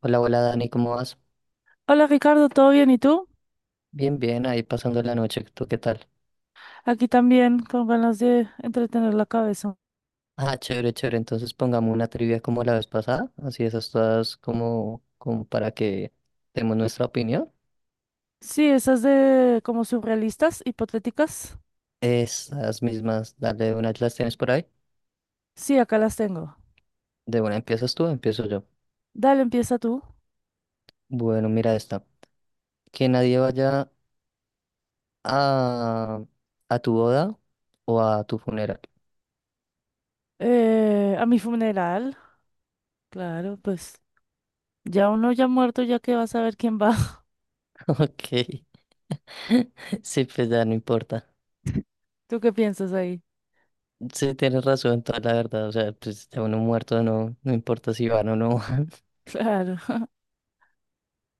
Hola, hola Dani, ¿cómo vas? Hola Ricardo, ¿todo bien? ¿Y tú? Bien, bien, ahí pasando la noche, ¿tú qué tal? Aquí también con ganas de entretener la cabeza. Ah, chévere, chévere, entonces pongamos una trivia como la vez pasada, así esas todas como, para que demos nuestra opinión. Sí, esas de como surrealistas, hipotéticas. Esas mismas, dale de una, las tienes por ahí. Sí, acá las tengo. De una empiezas tú, empiezo yo. Dale, empieza tú. Bueno, mira esta. Que nadie vaya a, a tu boda o a tu funeral. A mi funeral. Claro, pues ya uno ya muerto, ya que vas a ver quién va. Ok. Sí, pues ya no importa. ¿Tú qué piensas ahí? Sí, tienes razón, toda la verdad. O sea, pues ya uno muerto no, no importa si van o no. Claro.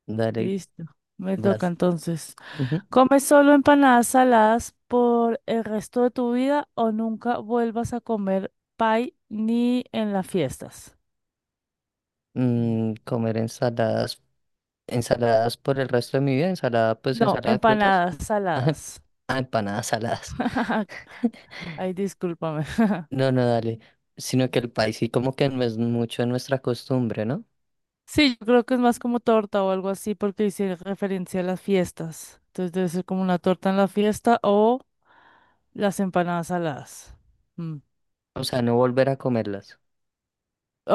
Dale, Listo. Me toca vas. entonces. Ujú. ¿Comes solo empanadas saladas por el resto de tu vida o nunca vuelvas a comer pie ni en las fiestas? Mm, comer ensaladas, ensaladas por el resto de mi vida, ensalada, pues No, ensalada de frutas, empanadas ah, saladas. empanadas saladas. Ay, discúlpame. No, no, dale. Sino que el país sí como que no es mucho nuestra costumbre, ¿no? Sí, yo creo que es más como torta o algo así porque hice referencia a las fiestas. Entonces debe ser como una torta en la fiesta o las empanadas saladas. Mm. O sea, no volver a comerlas.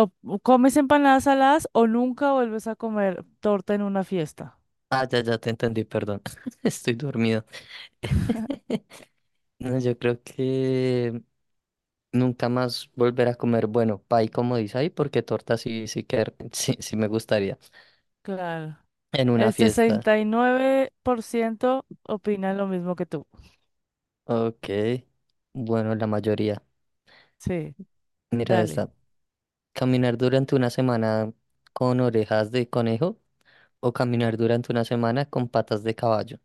O comes empanadas saladas o nunca vuelves a comer torta en una fiesta. Ah, ya, ya te entendí, perdón. Estoy dormido. No, yo creo que nunca más volver a comer, bueno, pay como dice ahí, porque torta sí, sí que sí, sí me gustaría. Claro. En una El fiesta. 69% opina lo mismo que tú. Ok. Bueno, la mayoría. Sí, Mira dale. esta. ¿Caminar durante una semana con orejas de conejo o caminar durante una semana con patas de caballo?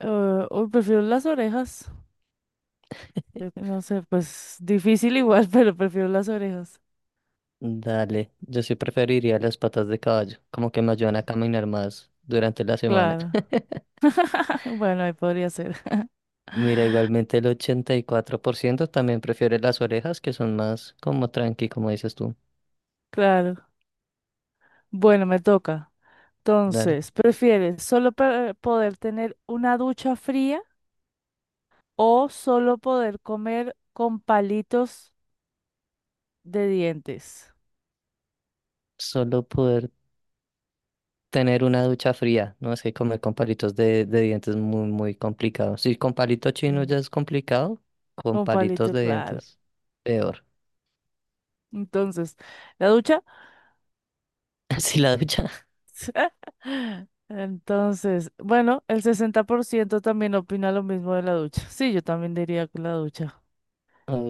Uy, prefiero las orejas. Yo que no sé, pues difícil igual, pero prefiero las orejas. Dale, yo sí preferiría las patas de caballo, como que me ayudan a caminar más durante la semana. Claro. Bueno, ahí podría ser. Mira, igualmente el 84% también prefiere las orejas, que son más como tranqui, como dices tú. Claro. Bueno, me toca. Dale, Entonces, ¿prefieres solo poder tener una ducha fría o solo poder comer con palitos de dientes? solo poder tener una ducha fría, no es que comer con palitos de dientes es muy, muy complicado. Si con palito chino ya Mm. es complicado, con Con palitos palito, de claro. dientes, peor. Entonces, ¿la ducha? Así la ducha. Entonces, bueno, el 60% también opina lo mismo de la ducha. Sí, yo también diría que la ducha.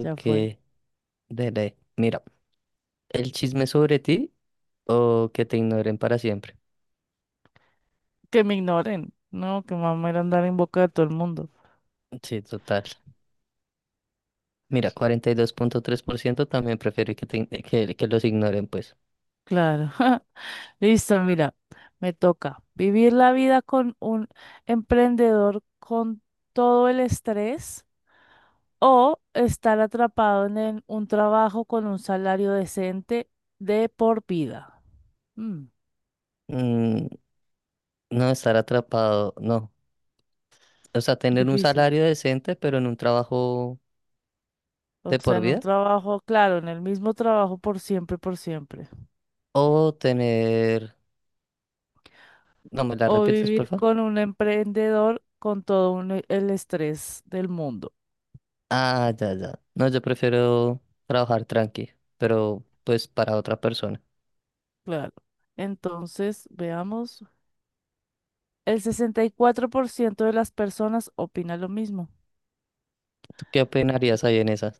Ya fue. dele. Mira, el chisme sobre ti o que te ignoren para siempre. Que me ignoren, ¿no? Que mamá era andar en boca de todo el mundo. Sí, total. Mira, 42.3% también prefiere que los ignoren, pues. Claro. Listo, mira, me toca vivir la vida con un emprendedor con todo el estrés o estar atrapado en un trabajo con un salario decente de por vida. Mm, Mm, no estar atrapado, no. O sea, tener un difícil. salario decente, pero en un trabajo O de sea, por en un vida. trabajo, claro, en el mismo trabajo por siempre, por siempre. O tener... No, ¿me la O repites, por vivir favor? con un emprendedor con todo el estrés del mundo. Ah, ya, ya. No, yo prefiero trabajar tranqui, pero pues para otra persona. Claro. Entonces, veamos. El 64% de las personas opina lo mismo. ¿Tú qué opinarías ahí en esa?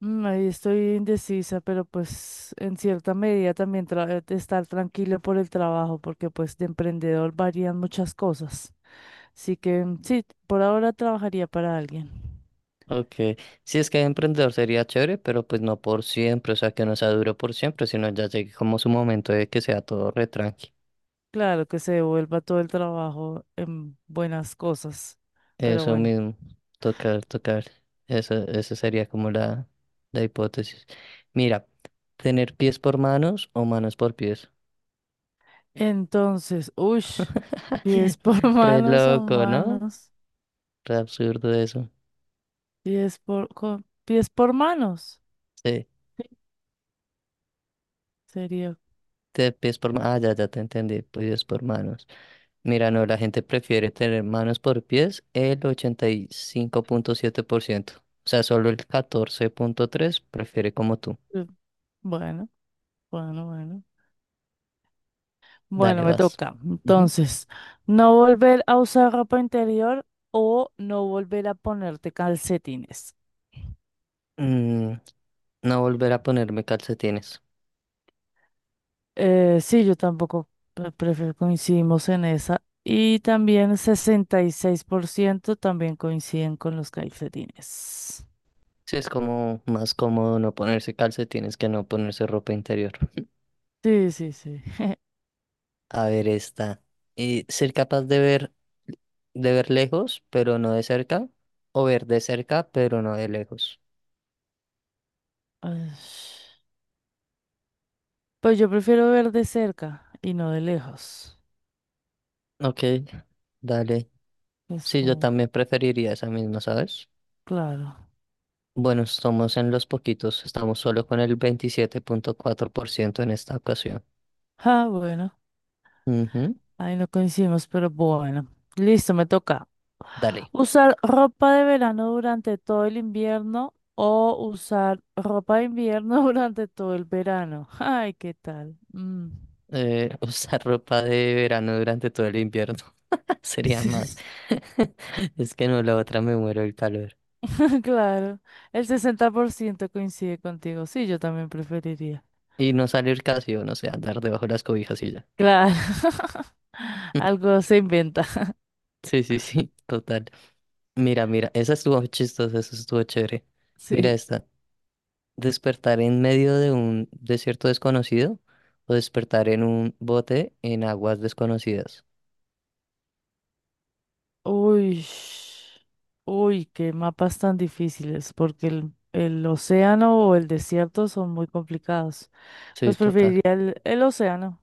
Mm, ahí estoy indecisa, pero pues en cierta medida también estar tranquilo por el trabajo, porque pues de emprendedor varían muchas cosas. Así que mm, sí, por ahora trabajaría para alguien. Ok, sí es que emprendedor sería chévere, pero pues no por siempre, o sea, que no sea duro por siempre, sino ya llegue como su momento de que sea todo re tranqui. Claro que se devuelva todo el trabajo en buenas cosas, pero Eso bueno. mismo, tocar, tocar. Eso, esa sería como la hipótesis. Mira, tener pies por manos o manos por pies. Entonces, uy, pies por Re manos o loco, ¿no? manos. Re absurdo eso. Pies por, pies por manos Sí, sería. Pies por manos. Ah, ya, ya te entendí, pies por manos. Mira, no, la gente prefiere tener manos por pies el 85.7%. O sea, solo el 14.3% prefiere como tú. eh, Bueno, bueno, bueno. Bueno, Dale, me vas. toca. Ujú. Entonces, no volver a usar ropa interior o no volver a ponerte calcetines. Mm, no volver a ponerme calcetines. Sí, yo tampoco prefiero, coincidimos en esa. Y también 66% también coinciden con los calcetines. Sí, es como más cómodo no ponerse calcetines que no ponerse ropa interior. Sí, sí, sí. A ver, esta. Ser capaz de ver lejos, pero no de cerca. O ver de cerca, pero no de lejos. Ay, pues yo prefiero ver de cerca y no de lejos. Ok, dale. Es Sí, yo como, también preferiría esa misma, ¿sabes? claro. Bueno, estamos en los poquitos, estamos solo con el 27.4% en esta ocasión. Ah, bueno, Ujú. ahí no coincidimos, pero bueno. Listo, me toca. Dale, ¿Usar ropa de verano durante todo el invierno o usar ropa de invierno durante todo el verano? Ay, ¿qué tal? Mm. Usar ropa de verano durante todo el invierno sería más. Es que no, la otra me muero el calor. Claro, el 60% coincide contigo. Sí, yo también preferiría. Y no salir casi, o no sé, andar debajo de las cobijas y ya. Claro, algo se inventa. Sí, sí, sí, total. Mira, mira, esa estuvo chistosa, esa estuvo chévere. Mira Sí. esta. ¿Despertar en medio de un desierto desconocido o despertar en un bote en aguas desconocidas? Uy, uy, qué mapas tan difíciles, porque el océano o el desierto son muy complicados. Sí, Pues total. preferiría el océano.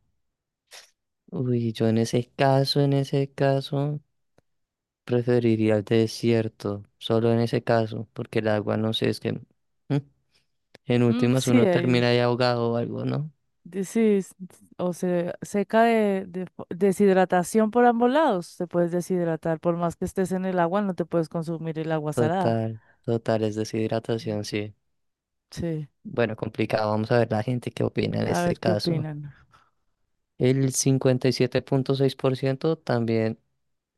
Uy, yo en ese caso, preferiría el desierto, solo en ese caso, porque el agua, no sé, es que en Mm, últimas sí, uno termina ahí ahogado o algo, ¿no? Es- o se seca deshidratación por ambos lados. Te puedes deshidratar, por más que estés en el agua, no te puedes consumir el agua salada. Total, total, es deshidratación, sí. Sí, Bueno, complicado, vamos a ver la gente qué opina en a este ver qué caso. opinan El 57.6% también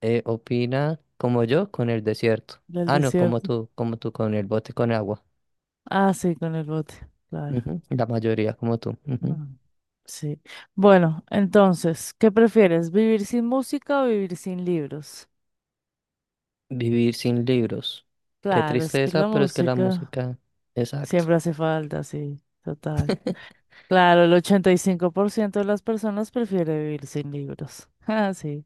opina como yo con el desierto. del Ah, no, desierto. Como tú con el bote con agua. Ah, sí, con el bote, claro. Ujú. La mayoría como tú. Mm, sí. Bueno, entonces, ¿qué prefieres? ¿Vivir sin música o vivir sin libros? Vivir sin libros. Qué Claro, es que la tristeza, pero es que la música música. Exacto. siempre hace falta, sí, total. Claro, el 85% de las personas prefiere vivir sin libros. Ah, sí.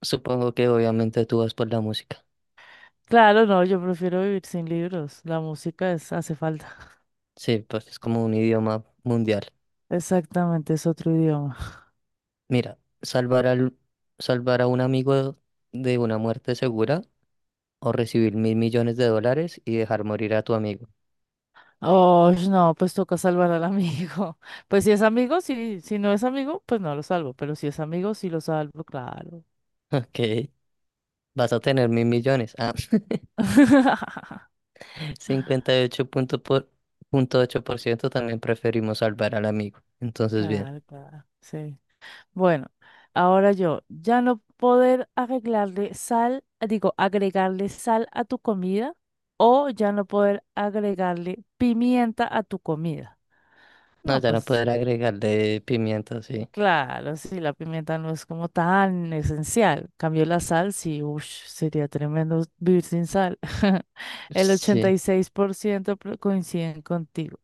Supongo que obviamente tú vas por la música. Claro, no, yo prefiero vivir sin libros. La música es, hace falta. Sí, pues es como un idioma mundial. Exactamente, es otro idioma. Mira, salvar a un amigo de una muerte segura o recibir mil millones de dólares y dejar morir a tu amigo. Oh, no, pues toca salvar al amigo. Pues si es amigo, sí, si no es amigo, pues no lo salvo. Pero si es amigo, sí lo salvo, claro. Ok, vas a tener mil millones. Ah, cincuenta y ocho punto por- punto ocho por ciento también preferimos salvar al amigo. Entonces, bien. Claro, claro, sí. Bueno, ahora yo, ya no poder agregarle sal, digo, agregarle sal a tu comida o ya no poder agregarle pimienta a tu comida. No, No, ya no pues poder agregarle pimienta, sí. claro, sí, la pimienta no es como tan esencial. Cambio la sal, sí, ush, sería tremendo vivir sin sal. El Sí. 86% coinciden contigo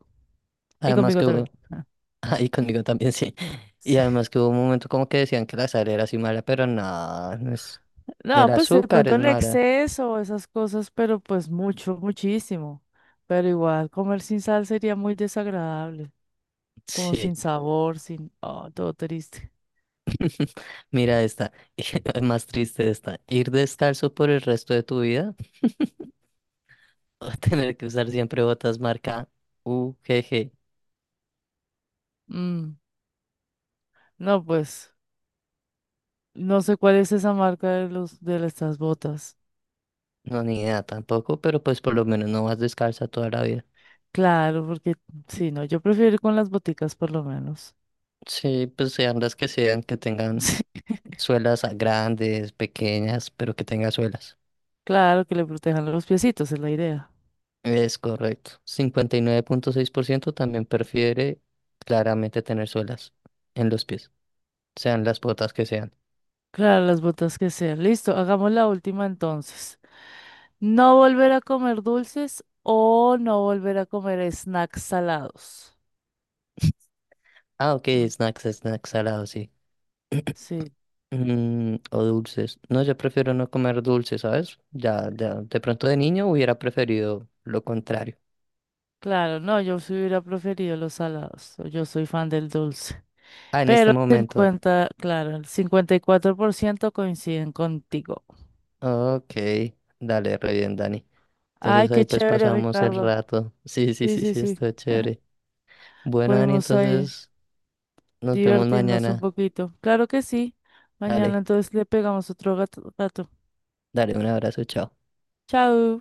y Además conmigo que también. hubo, ahí conmigo también sí. Y además que hubo un momento como que decían que la sal era así mala, pero nada no es, del No, pues de azúcar pronto es el mala. exceso, esas cosas, pero pues mucho, muchísimo. Pero igual, comer sin sal sería muy desagradable, como Sí, sin sabor, sin... Oh, todo triste. mira esta, es más triste esta. Ir descalzo por el resto de tu vida o tener que usar siempre botas marca UGG. Mm, no, pues, no sé cuál es esa marca de estas botas. No, ni idea tampoco, pero pues por lo menos no vas descalza toda la vida. Claro, porque sí, no, yo prefiero ir con las boticas por lo menos. Sí, pues sean las que sean, que tengan Sí, suelas grandes, pequeñas, pero que tenga suelas. claro, que le protejan los piecitos, es la idea. Es correcto. 59.6% también prefiere claramente tener suelas en los pies, sean las botas que sean. Claro, las botas que sean. Listo, hagamos la última entonces. No volver a comer dulces o no volver a comer snacks salados. Ah, ok, Mm, snacks, snacks salados, sí. sí, Mm, o dulces. No, yo prefiero no comer dulces, ¿sabes? Ya, ya, de pronto de niño hubiera preferido lo contrario. claro, no, yo sí hubiera preferido los salados. Yo soy fan del dulce. Ah, en este Pero el momento. 50, claro, el 54% coinciden contigo. Ok, dale, re bien, Dani. Ay, Entonces ahí qué pues chévere, pasamos el Ricardo. rato. Sí, sí, Sí, sí, sí, sí, sí. está chévere. Bueno, Dani, Pudimos ahí entonces nos vemos divertirnos un mañana. poquito. Claro que sí. Mañana Dale, entonces le pegamos otro gato. dale, un abrazo, chao. Chao.